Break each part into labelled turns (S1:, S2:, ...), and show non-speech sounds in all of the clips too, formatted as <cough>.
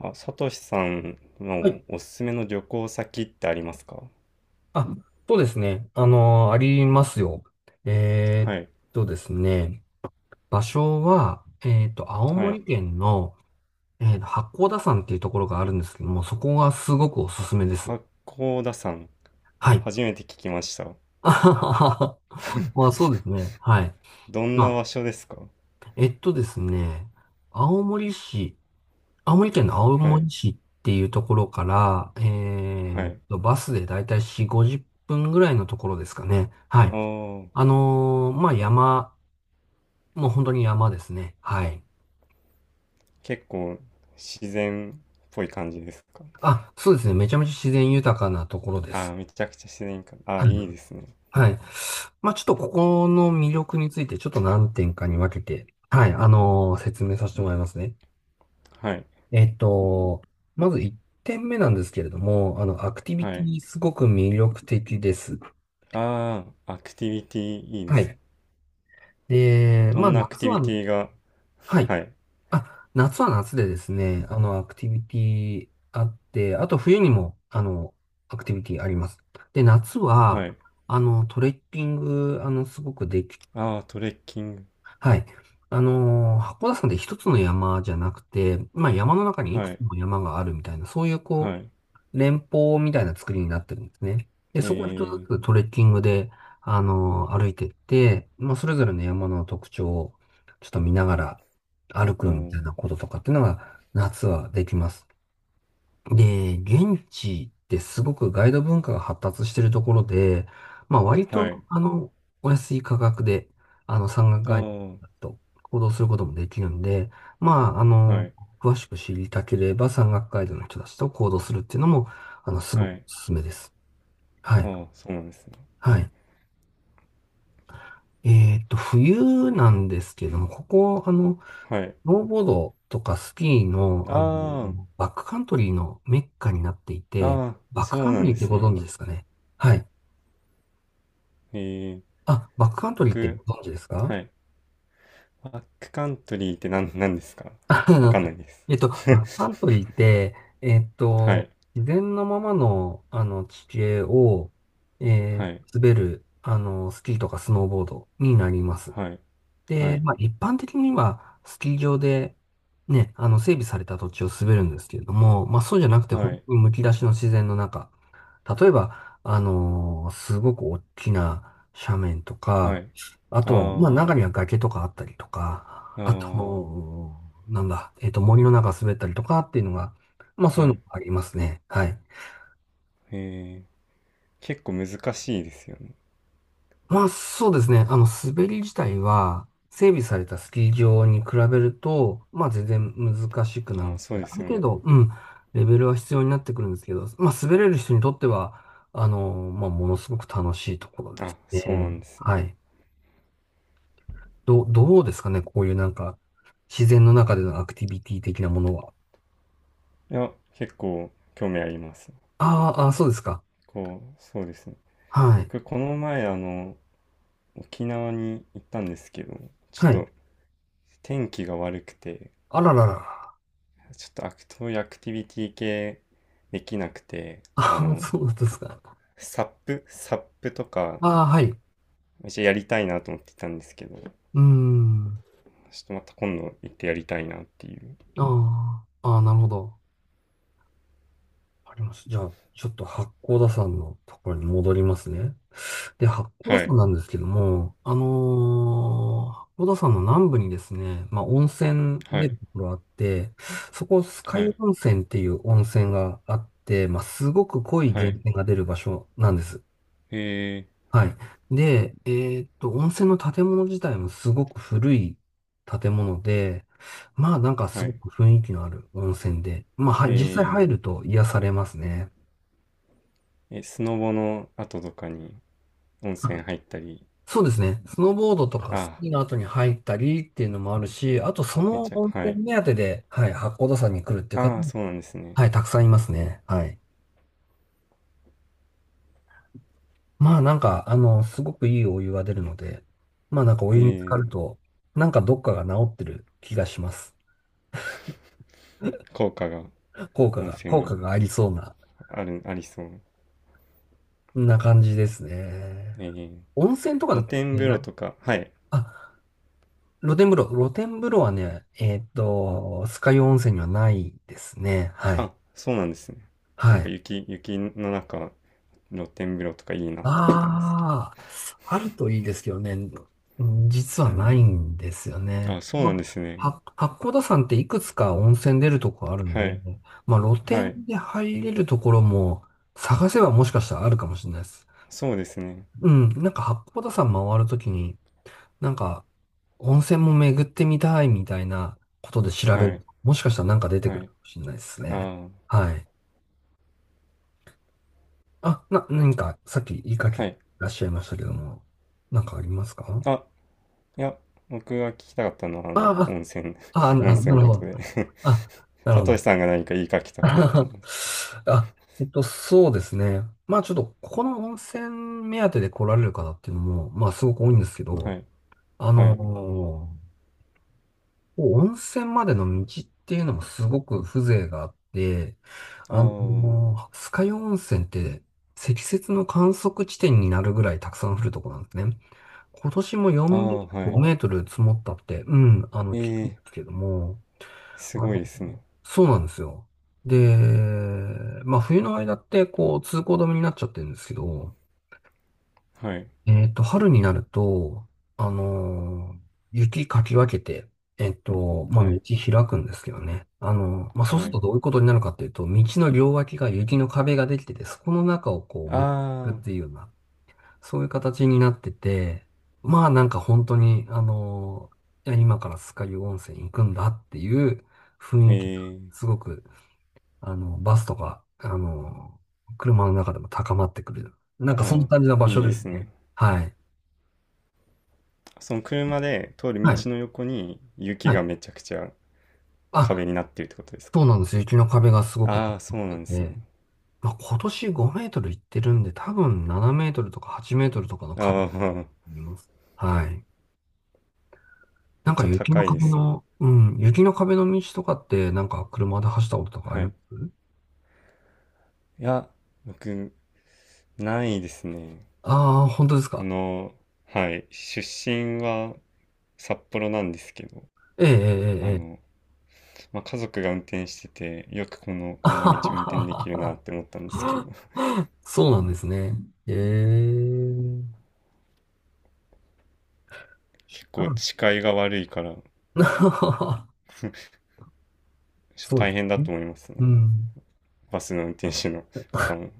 S1: あ、さとしさん
S2: は
S1: の
S2: い。
S1: おすすめの旅行先ってありますか？
S2: あ、そうですね。ありますよ。えー
S1: は
S2: っ
S1: い。
S2: ですね、場所は、青
S1: はい。
S2: 森県の、八甲田山っていうところがあるんですけども、そこがすごくおすすめです。
S1: 八甲田山。
S2: はい。
S1: 初
S2: <laughs>
S1: めて聞きました。
S2: あはははまあ、そうですね。はい。
S1: どん
S2: ま
S1: な場
S2: あ、
S1: 所ですか？
S2: えっとですね、青森市、青森県の青
S1: はい。
S2: 森市っていうところから、
S1: はい。
S2: バスでだいたい4、50分ぐらいのところですかね。は
S1: あ
S2: い。
S1: あ、
S2: まあ、もう本当に山ですね。はい。
S1: 結構自然っぽい感じですか？
S2: あ、そうですね。めちゃめちゃ自然豊かなところで
S1: ああ
S2: す。
S1: ー、めちゃくちゃ自然か。あ
S2: は
S1: ー、
S2: い。
S1: いいですね。
S2: はい。まあちょっとここの魅力についてちょっと何点かに分けて、はい、説明させてもらいますね。
S1: はい。
S2: えっと、まず1点目なんですけれども、アクティビ
S1: は
S2: テ
S1: い。
S2: ィすごく魅力的です。
S1: ああ、アクティビティいいで
S2: は
S1: すね。
S2: い。で、
S1: ど
S2: まあ
S1: んなアク
S2: 夏
S1: ティビテ
S2: は、
S1: ィが、
S2: はい。
S1: はい。
S2: あ、夏は夏でですね、アクティビティあって、あと冬にも、アクティビティあります。で、夏は、
S1: はい。
S2: トレッキング、すごくでき、
S1: ああ、トレッキング。
S2: はい。函館山で一つの山じゃなくて、まあ山の中にいく
S1: は
S2: つ
S1: い。
S2: も山があるみたいな、そういう
S1: は
S2: こ
S1: い。
S2: う、連峰みたいな作りになってるんですね。で、そこを一つ
S1: え
S2: ずつトレッキングで、歩いてって、まあ、それぞれの山の特徴をちょっと見ながら歩
S1: ー、う
S2: くみたい
S1: ん。
S2: なこととかっていうのが夏はできます。で、現地ってすごくガイド文化が発達しているところで、まあ割
S1: はい。
S2: と、お安い価格で、山岳
S1: あ
S2: ガイ
S1: あ、
S2: ドだと行動することもできるんで、まあ、
S1: はい。
S2: 詳しく知りたければ山岳ガイドの人たちと行動するっていうのも、すご
S1: は
S2: くお
S1: い。
S2: すすめです。はい。
S1: ああ、そうなんですね。
S2: はい。冬なんですけども、ここ、
S1: はい。
S2: スノーボードとかスキーの、
S1: あ
S2: バックカントリーのメッカになってい
S1: あ、
S2: て、
S1: ああ、
S2: バッ
S1: そ
S2: クカ
S1: う
S2: ント
S1: なん
S2: リー
S1: で
S2: って
S1: す
S2: ご
S1: ね。
S2: 存知ですかね？はい。
S1: ええ、
S2: あ、バックカントリーって
S1: 僕、
S2: ご存知ですか？
S1: はい。バックカントリーって何ですか？
S2: あ
S1: わか
S2: の、
S1: んないです。
S2: バック
S1: <laughs>
S2: カントリーって、えっ
S1: は
S2: と、
S1: い。
S2: 自然のままの、地形を、
S1: はい。
S2: 滑る、スキーとかスノーボードになります。
S1: はい。は
S2: で、
S1: い。
S2: まあ、一般的には、スキー場で、ね、整備された土地を滑るんですけれども、まあ、そうじゃなくて、
S1: は
S2: 本
S1: い。
S2: 当にむき出しの自然の中。例えば、すごく大きな斜面と
S1: は
S2: か、
S1: い。
S2: あとは、まあ、
S1: あ
S2: 中には崖とかあったりとか、
S1: あ、
S2: あ
S1: あ
S2: と、なんだ、森の中滑ったりとかっていうのが、まあ、
S1: あ、
S2: そうい
S1: は
S2: うの
S1: い。
S2: がありますね。はい。
S1: ええ、結構難しいですよね。
S2: まあそうですね。滑り自体は、整備されたスキー場に比べると、まあ全然難しくなる
S1: ああ、
S2: の
S1: そう
S2: で、
S1: で
S2: ある
S1: すよ
S2: 程
S1: ね。
S2: 度、うん、レベルは必要になってくるんですけど、まあ滑れる人にとっては、まあものすごく楽しいところです
S1: あ、そう
S2: ね。
S1: なんですね。
S2: はい。どうですかね、こういうなんか、自然の中でのアクティビティ的なものは？
S1: いや、結構興味あります。
S2: あーあー、そうですか。
S1: こう、そうですね。
S2: はい。
S1: 僕この前あの沖縄に行ったんですけど、ちょっ
S2: はい。
S1: と天気が悪くて、
S2: あらららら。
S1: ちょっとアクティビティ系できなくて、あ
S2: ああ、
S1: の、
S2: そうですか。
S1: サップとか
S2: ああ、はい。う
S1: めっちゃやりたいなと思ってたんですけど、ちょ
S2: ーん。
S1: っとまた今度行ってやりたいなっていう。
S2: ああ、ああ、なるほど。あります。じゃあ、ちょっと八甲田山のところに戻りますね。で、八
S1: は
S2: 甲田
S1: い。
S2: 山なんですけども、八甲田山の南部にですね、まあ、温泉
S1: は
S2: 出る
S1: い。
S2: ところあって、そこ、酸ヶ
S1: は
S2: 湯
S1: い。
S2: 温泉っていう温泉があって、まあ、すごく濃い
S1: は
S2: 源
S1: い。
S2: 泉が出る場所なんです。
S1: え
S2: はい。で、温泉の建物自体もすごく古い建物で、まあ、なんか
S1: ー、
S2: す
S1: は
S2: ご
S1: い。
S2: く雰囲気のある温泉で、まあ、はい、実際
S1: え
S2: 入ると癒されますね。
S1: ー、えスノボの後とかに温泉入ったり。
S2: そうですね。スノーボードとか
S1: あ
S2: ス
S1: あ
S2: キー
S1: ー、
S2: の後に入ったりっていうのもあるし、あとそ
S1: めっ
S2: の
S1: ちゃ
S2: 温
S1: はい。
S2: 泉目当てで、はい、八甲田山に来るっていう方
S1: ああー、
S2: も、
S1: そうなんですね。
S2: はい、たくさんいますね。はい。まあなんか、すごくいいお湯が出るので、まあなんかお
S1: え
S2: 湯に浸か
S1: ー
S2: ると、なんかどっかが治ってる気がします。
S1: 効果が、
S2: 効果
S1: 温
S2: が、
S1: 泉
S2: 効
S1: の
S2: 果がありそうな、
S1: あるありそう。
S2: 感じですね。
S1: えー
S2: 温泉とか
S1: 露
S2: っ
S1: 天
S2: て
S1: 風
S2: な、
S1: 呂
S2: な
S1: とか、はい。
S2: あ、露天風呂はね、酸ヶ湯温泉にはないですね。はい。
S1: あ、そうなんですね。な
S2: は
S1: んか
S2: い。
S1: 雪の中、露天風呂とかいいなって思ったんですけ
S2: ああ、あるといいですけどね、うん、実はないんですよ
S1: ど。あ、
S2: ね。
S1: そう
S2: ま
S1: なんです
S2: あ、
S1: ね。
S2: 八甲田山っていくつか温泉出るとこあるんで、
S1: はい。
S2: まあ、露
S1: は
S2: 天
S1: い。
S2: で入れるところも探せばもしかしたらあるかもしれないです。
S1: そうですね。
S2: うん、なんか八甲田山回るときに、なんか温泉も巡ってみたいみたいなことで調べ
S1: は
S2: る
S1: い。
S2: と、もしかしたらなんか出て
S1: は
S2: くる
S1: い。
S2: かもしれないですね。
S1: あ
S2: はい。あ、何かさっき言いかけ
S1: あ、
S2: て
S1: は
S2: い
S1: い。
S2: らっしゃいましたけども、なんかありますか？
S1: あ、いや、僕が聞きたかったのは、あの、
S2: あ
S1: 温泉、
S2: あ、あ、
S1: <laughs> 温
S2: な
S1: 泉の
S2: る
S1: こ
S2: ほ
S1: と
S2: ど。
S1: で、
S2: あ、
S1: <laughs>
S2: なるほ
S1: 佐藤
S2: ど。
S1: さんが何か言いかけたかなと思うん
S2: <laughs>
S1: です。
S2: あ、そうですね。まあちょっと、ここの温泉目当てで来られる方っていうのも、まあすごく多いんですけ
S1: は
S2: ど、
S1: い。
S2: あ
S1: はい。
S2: のーこう温泉までの道っていうのもすごく風情があって、あの
S1: あ
S2: 酸ヶ湯温泉って積雪の観測地点になるぐらいたくさん降るとこなんですね。今年も
S1: あ、あ
S2: 4メート
S1: あ、
S2: ル、
S1: は
S2: 5
S1: い。
S2: メートル積もったって、うん、
S1: え
S2: 聞くんで
S1: え、
S2: すけども、
S1: すごいですね。
S2: そうなんですよ。で、まあ冬の間ってこう通行止めになっちゃってるんですけど、
S1: はい。
S2: 春になると、あのー雪かき分けて、まあ
S1: は
S2: 道
S1: い、
S2: 開くんですけどね。まあそうす
S1: は
S2: る
S1: い。
S2: とどういうことになるかっていうと、道の両脇が雪の壁ができてて、そこの中をこう向く
S1: あ
S2: っ
S1: あ、
S2: ていうような、そういう形になってて、まあなんか本当に、いや今から酸ヶ湯温泉行くんだっていう雰囲気が
S1: ええ。
S2: すごくバスとか、車の中でも高まってくる。なんかそん
S1: あ
S2: な
S1: あ、
S2: 感じの場
S1: いい
S2: 所
S1: で
S2: です
S1: すね。
S2: ね。はい。
S1: その車で通る
S2: は
S1: 道
S2: い。
S1: の横に雪
S2: は
S1: が
S2: い。
S1: めちゃくちゃ壁
S2: あ、
S1: になってるってことです
S2: そ
S1: か？
S2: うなんです。雪の壁がすごく高
S1: ああ、
S2: ま
S1: そ
S2: っ
S1: うな
S2: て
S1: んです
S2: て、
S1: ね。
S2: まあ、今年5メートルいってるんで、多分7メートルとか8メートルとかの壁
S1: あ
S2: だと
S1: あ、
S2: 思います。はい。
S1: め
S2: な
S1: っ
S2: んか
S1: ちゃ
S2: 雪の
S1: 高いで
S2: 壁
S1: すね。
S2: の、うん、雪の壁の道とかって、なんか車で走ったこととかあ
S1: は
S2: りま
S1: い。
S2: す？
S1: いや、僕、ないですね。
S2: ああー、本当です
S1: あ
S2: か。
S1: の、はい、出身は札幌なんですけど、
S2: ええ、え
S1: あ
S2: え、ええ。
S1: の、まあ、家族が運転してて、よくこの、
S2: あ
S1: こんな
S2: は
S1: 道
S2: は
S1: 運転でき
S2: は
S1: るな
S2: は
S1: って思ったんですけど、
S2: <laughs> そうなんですね。ええ。
S1: <laughs> 結
S2: う
S1: 構
S2: ん
S1: 視界が悪いから、
S2: <laughs> そう
S1: 大
S2: で
S1: 変だ
S2: すね。
S1: と思います
S2: う
S1: ね。
S2: ん。
S1: バスの運転手の方も。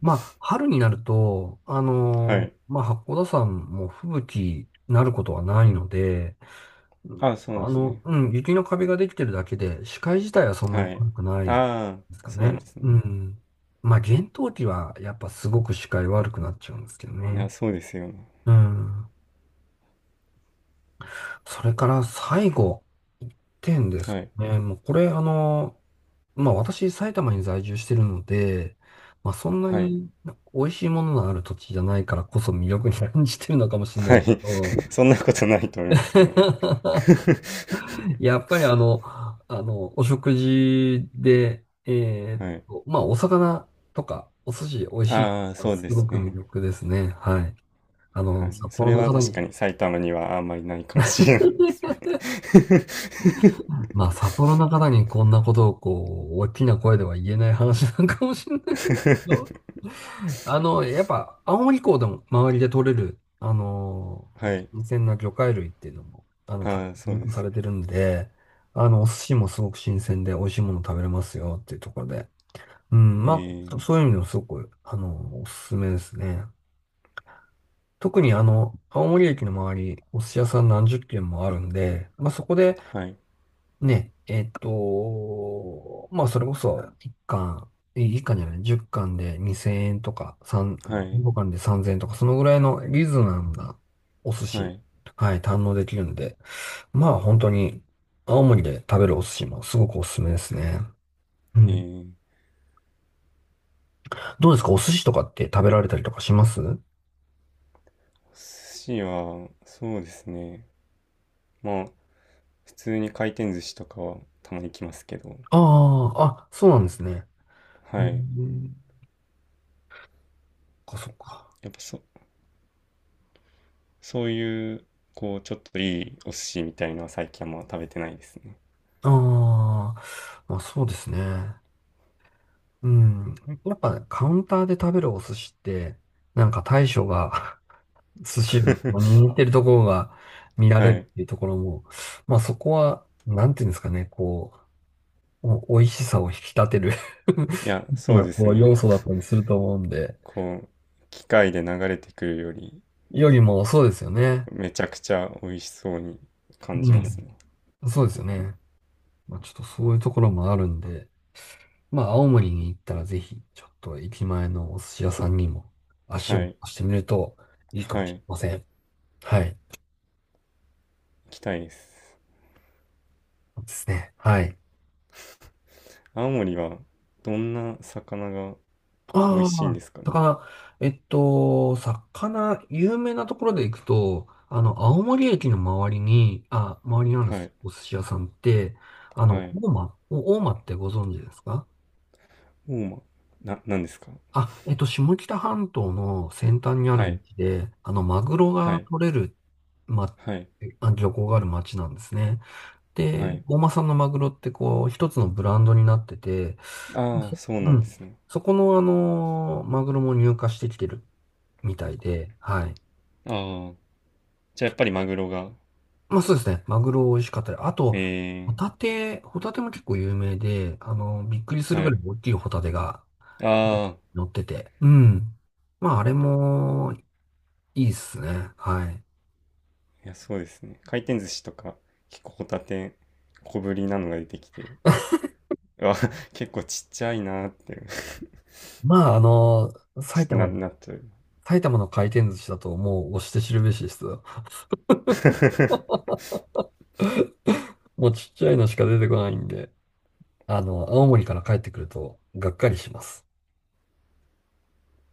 S2: まあ、春になると、
S1: はい。
S2: まあ、八甲田山も吹雪になることはないので、うん、
S1: あ、そうですね。
S2: うん、雪の壁ができてるだけで、視界自体はそんなに
S1: はい。
S2: 悪くない
S1: ああ、
S2: ですか
S1: そうなんで
S2: ね。
S1: すね。
S2: うん。まあ、厳冬期はやっぱすごく視界悪くなっちゃうんですけど
S1: い
S2: ね。
S1: や、そうですよね。
S2: うん。それから最後、一点です
S1: はい。
S2: ね。もうこれ、まあ私、埼玉に在住してるので、まあそんな
S1: はい。
S2: に美味しいもののある土地じゃないからこそ魅力に感じてるのかもしれな
S1: は
S2: い
S1: い。
S2: け
S1: <laughs>
S2: ど、
S1: そんなことないと思いますけどね。
S2: <laughs>
S1: <laughs>
S2: やっぱりお食事で、
S1: はい。
S2: まあお魚とかお寿司美味しい
S1: ああ、
S2: の
S1: そ
S2: は
S1: う
S2: す
S1: で
S2: ご
S1: す
S2: く魅
S1: ね。
S2: 力ですね。はい。
S1: はい。
S2: 札
S1: そ
S2: 幌
S1: れ
S2: の
S1: は
S2: 方
S1: 確か
S2: に。
S1: に埼玉にはあんまりないかもしれないです
S2: <laughs>
S1: ね。
S2: まあ、札幌の方にこんなことをこう、大きな声では言えない話なんかもしれないけ
S1: <laughs>
S2: ど、やっぱ、青森港でも周りで取れる、
S1: は
S2: ね、
S1: い。
S2: 新鮮な魚介類っていうのも、
S1: ああ、そう
S2: 入
S1: で
S2: 荷
S1: す
S2: さ
S1: よ
S2: れて
S1: ね。
S2: るんで、お寿司もすごく新鮮で美味しいもの食べれますよっていうところで、うん、
S1: え
S2: ま
S1: ー、
S2: あ、そういう意味でもすごく、おすすめですね。特に青森駅の周り、お寿司屋さん何十軒もあるんで、まあそこで、
S1: はい。
S2: ね、まあ、それこそ、1巻、え1じゃない、10巻で2000円とか、3、
S1: はい。
S2: 5貫で3000円とか、そのぐらいのリーズナブルなお寿
S1: は
S2: 司、
S1: い。
S2: はい、堪能できるんで、まあ、本当に、青森で食べるお寿司もすごくおすすめですね。う
S1: え
S2: ん。
S1: ー、
S2: どうですか？お寿司とかって食べられたりとかします？
S1: 寿司は、そうですね。まあ、普通に回転寿司とかはたまに来ますけど、
S2: ああ、あ、そうなんですね。え
S1: はい。
S2: ー、そっかそっか。
S1: やっぱそ、そういう、こう、ちょっといいお寿司みたいのは最近はんまあ食べてないですね。
S2: ああ、まあそうですね。うん。やっぱねカウンターで食べるお寿司って、なんか大将が <laughs> 寿司を
S1: <laughs>
S2: 握ってるところが見ら
S1: は
S2: れるっ
S1: い。
S2: ていうところも、まあそこは、なんていうんですかね、こう、お美味しさを引き立てる
S1: いや、
S2: <laughs>
S1: そ
S2: ま
S1: う
S2: な
S1: です
S2: こう
S1: ね。
S2: 要素だったりすると思うんで、
S1: こう、機械で流れてくるより、
S2: よりもそうですよね。
S1: めちゃくちゃ美味しそうに感じ
S2: う
S1: ます
S2: ん。
S1: ね。
S2: そうですよね。まあちょっとそういうところもあるんで、まあ青森に行ったらぜひ、ちょっと駅前のお寿司屋さんにも足を
S1: は
S2: 出
S1: い。
S2: してみるといいか
S1: は
S2: もしれ
S1: い。
S2: ません。はい。
S1: 行きたいです。
S2: そうですね。はい。
S1: 青森は、どんな魚が美味
S2: あ
S1: しいんで
S2: あ、
S1: すかね。
S2: 魚、有名なところで行くと、青森駅の周りにある
S1: はい。
S2: お寿司屋さんって、
S1: はい。
S2: お大間ってご存知ですか？
S1: ウォーマーなんですか？
S2: 下北半島の先端にあ
S1: は
S2: る
S1: い。
S2: 町で、マグロ
S1: は
S2: が
S1: い。
S2: 取れる、ま、
S1: はい。
S2: 漁港がある町なんですね。
S1: は
S2: で、
S1: い。
S2: 大間産のマグロってこう、一つのブランドになってて、
S1: ああ、
S2: そ
S1: そうな
S2: う
S1: んです
S2: ん。
S1: ね。
S2: そこのあのマグロも入荷してきてるみたいで、はい。
S1: ああ。じゃあやっぱりマグロが。
S2: まあそうですね。マグロ美味しかったり。あ
S1: え
S2: と、ホ
S1: え。
S2: タテ、ホタテも結構有名で、びっくりする
S1: は
S2: ぐらい
S1: い。
S2: 大きいホタテが
S1: ああ。
S2: 乗ってて。うん。まああれもいいっすね。はい。
S1: いや、そうですね。回転寿司とか、結構ホタテ、小ぶりなのが出てきて、
S2: <laughs>
S1: あ、結構ちっちゃいなーって、
S2: まあ、
S1: ちょっ
S2: 埼
S1: と
S2: 玉
S1: な、
S2: の、
S1: なっちゃう。
S2: 埼玉の回転寿司だともう推して知るべしですよ。
S1: <laughs>
S2: もうちっちゃいのしか出てこないんで。青森から帰ってくると、がっかりします。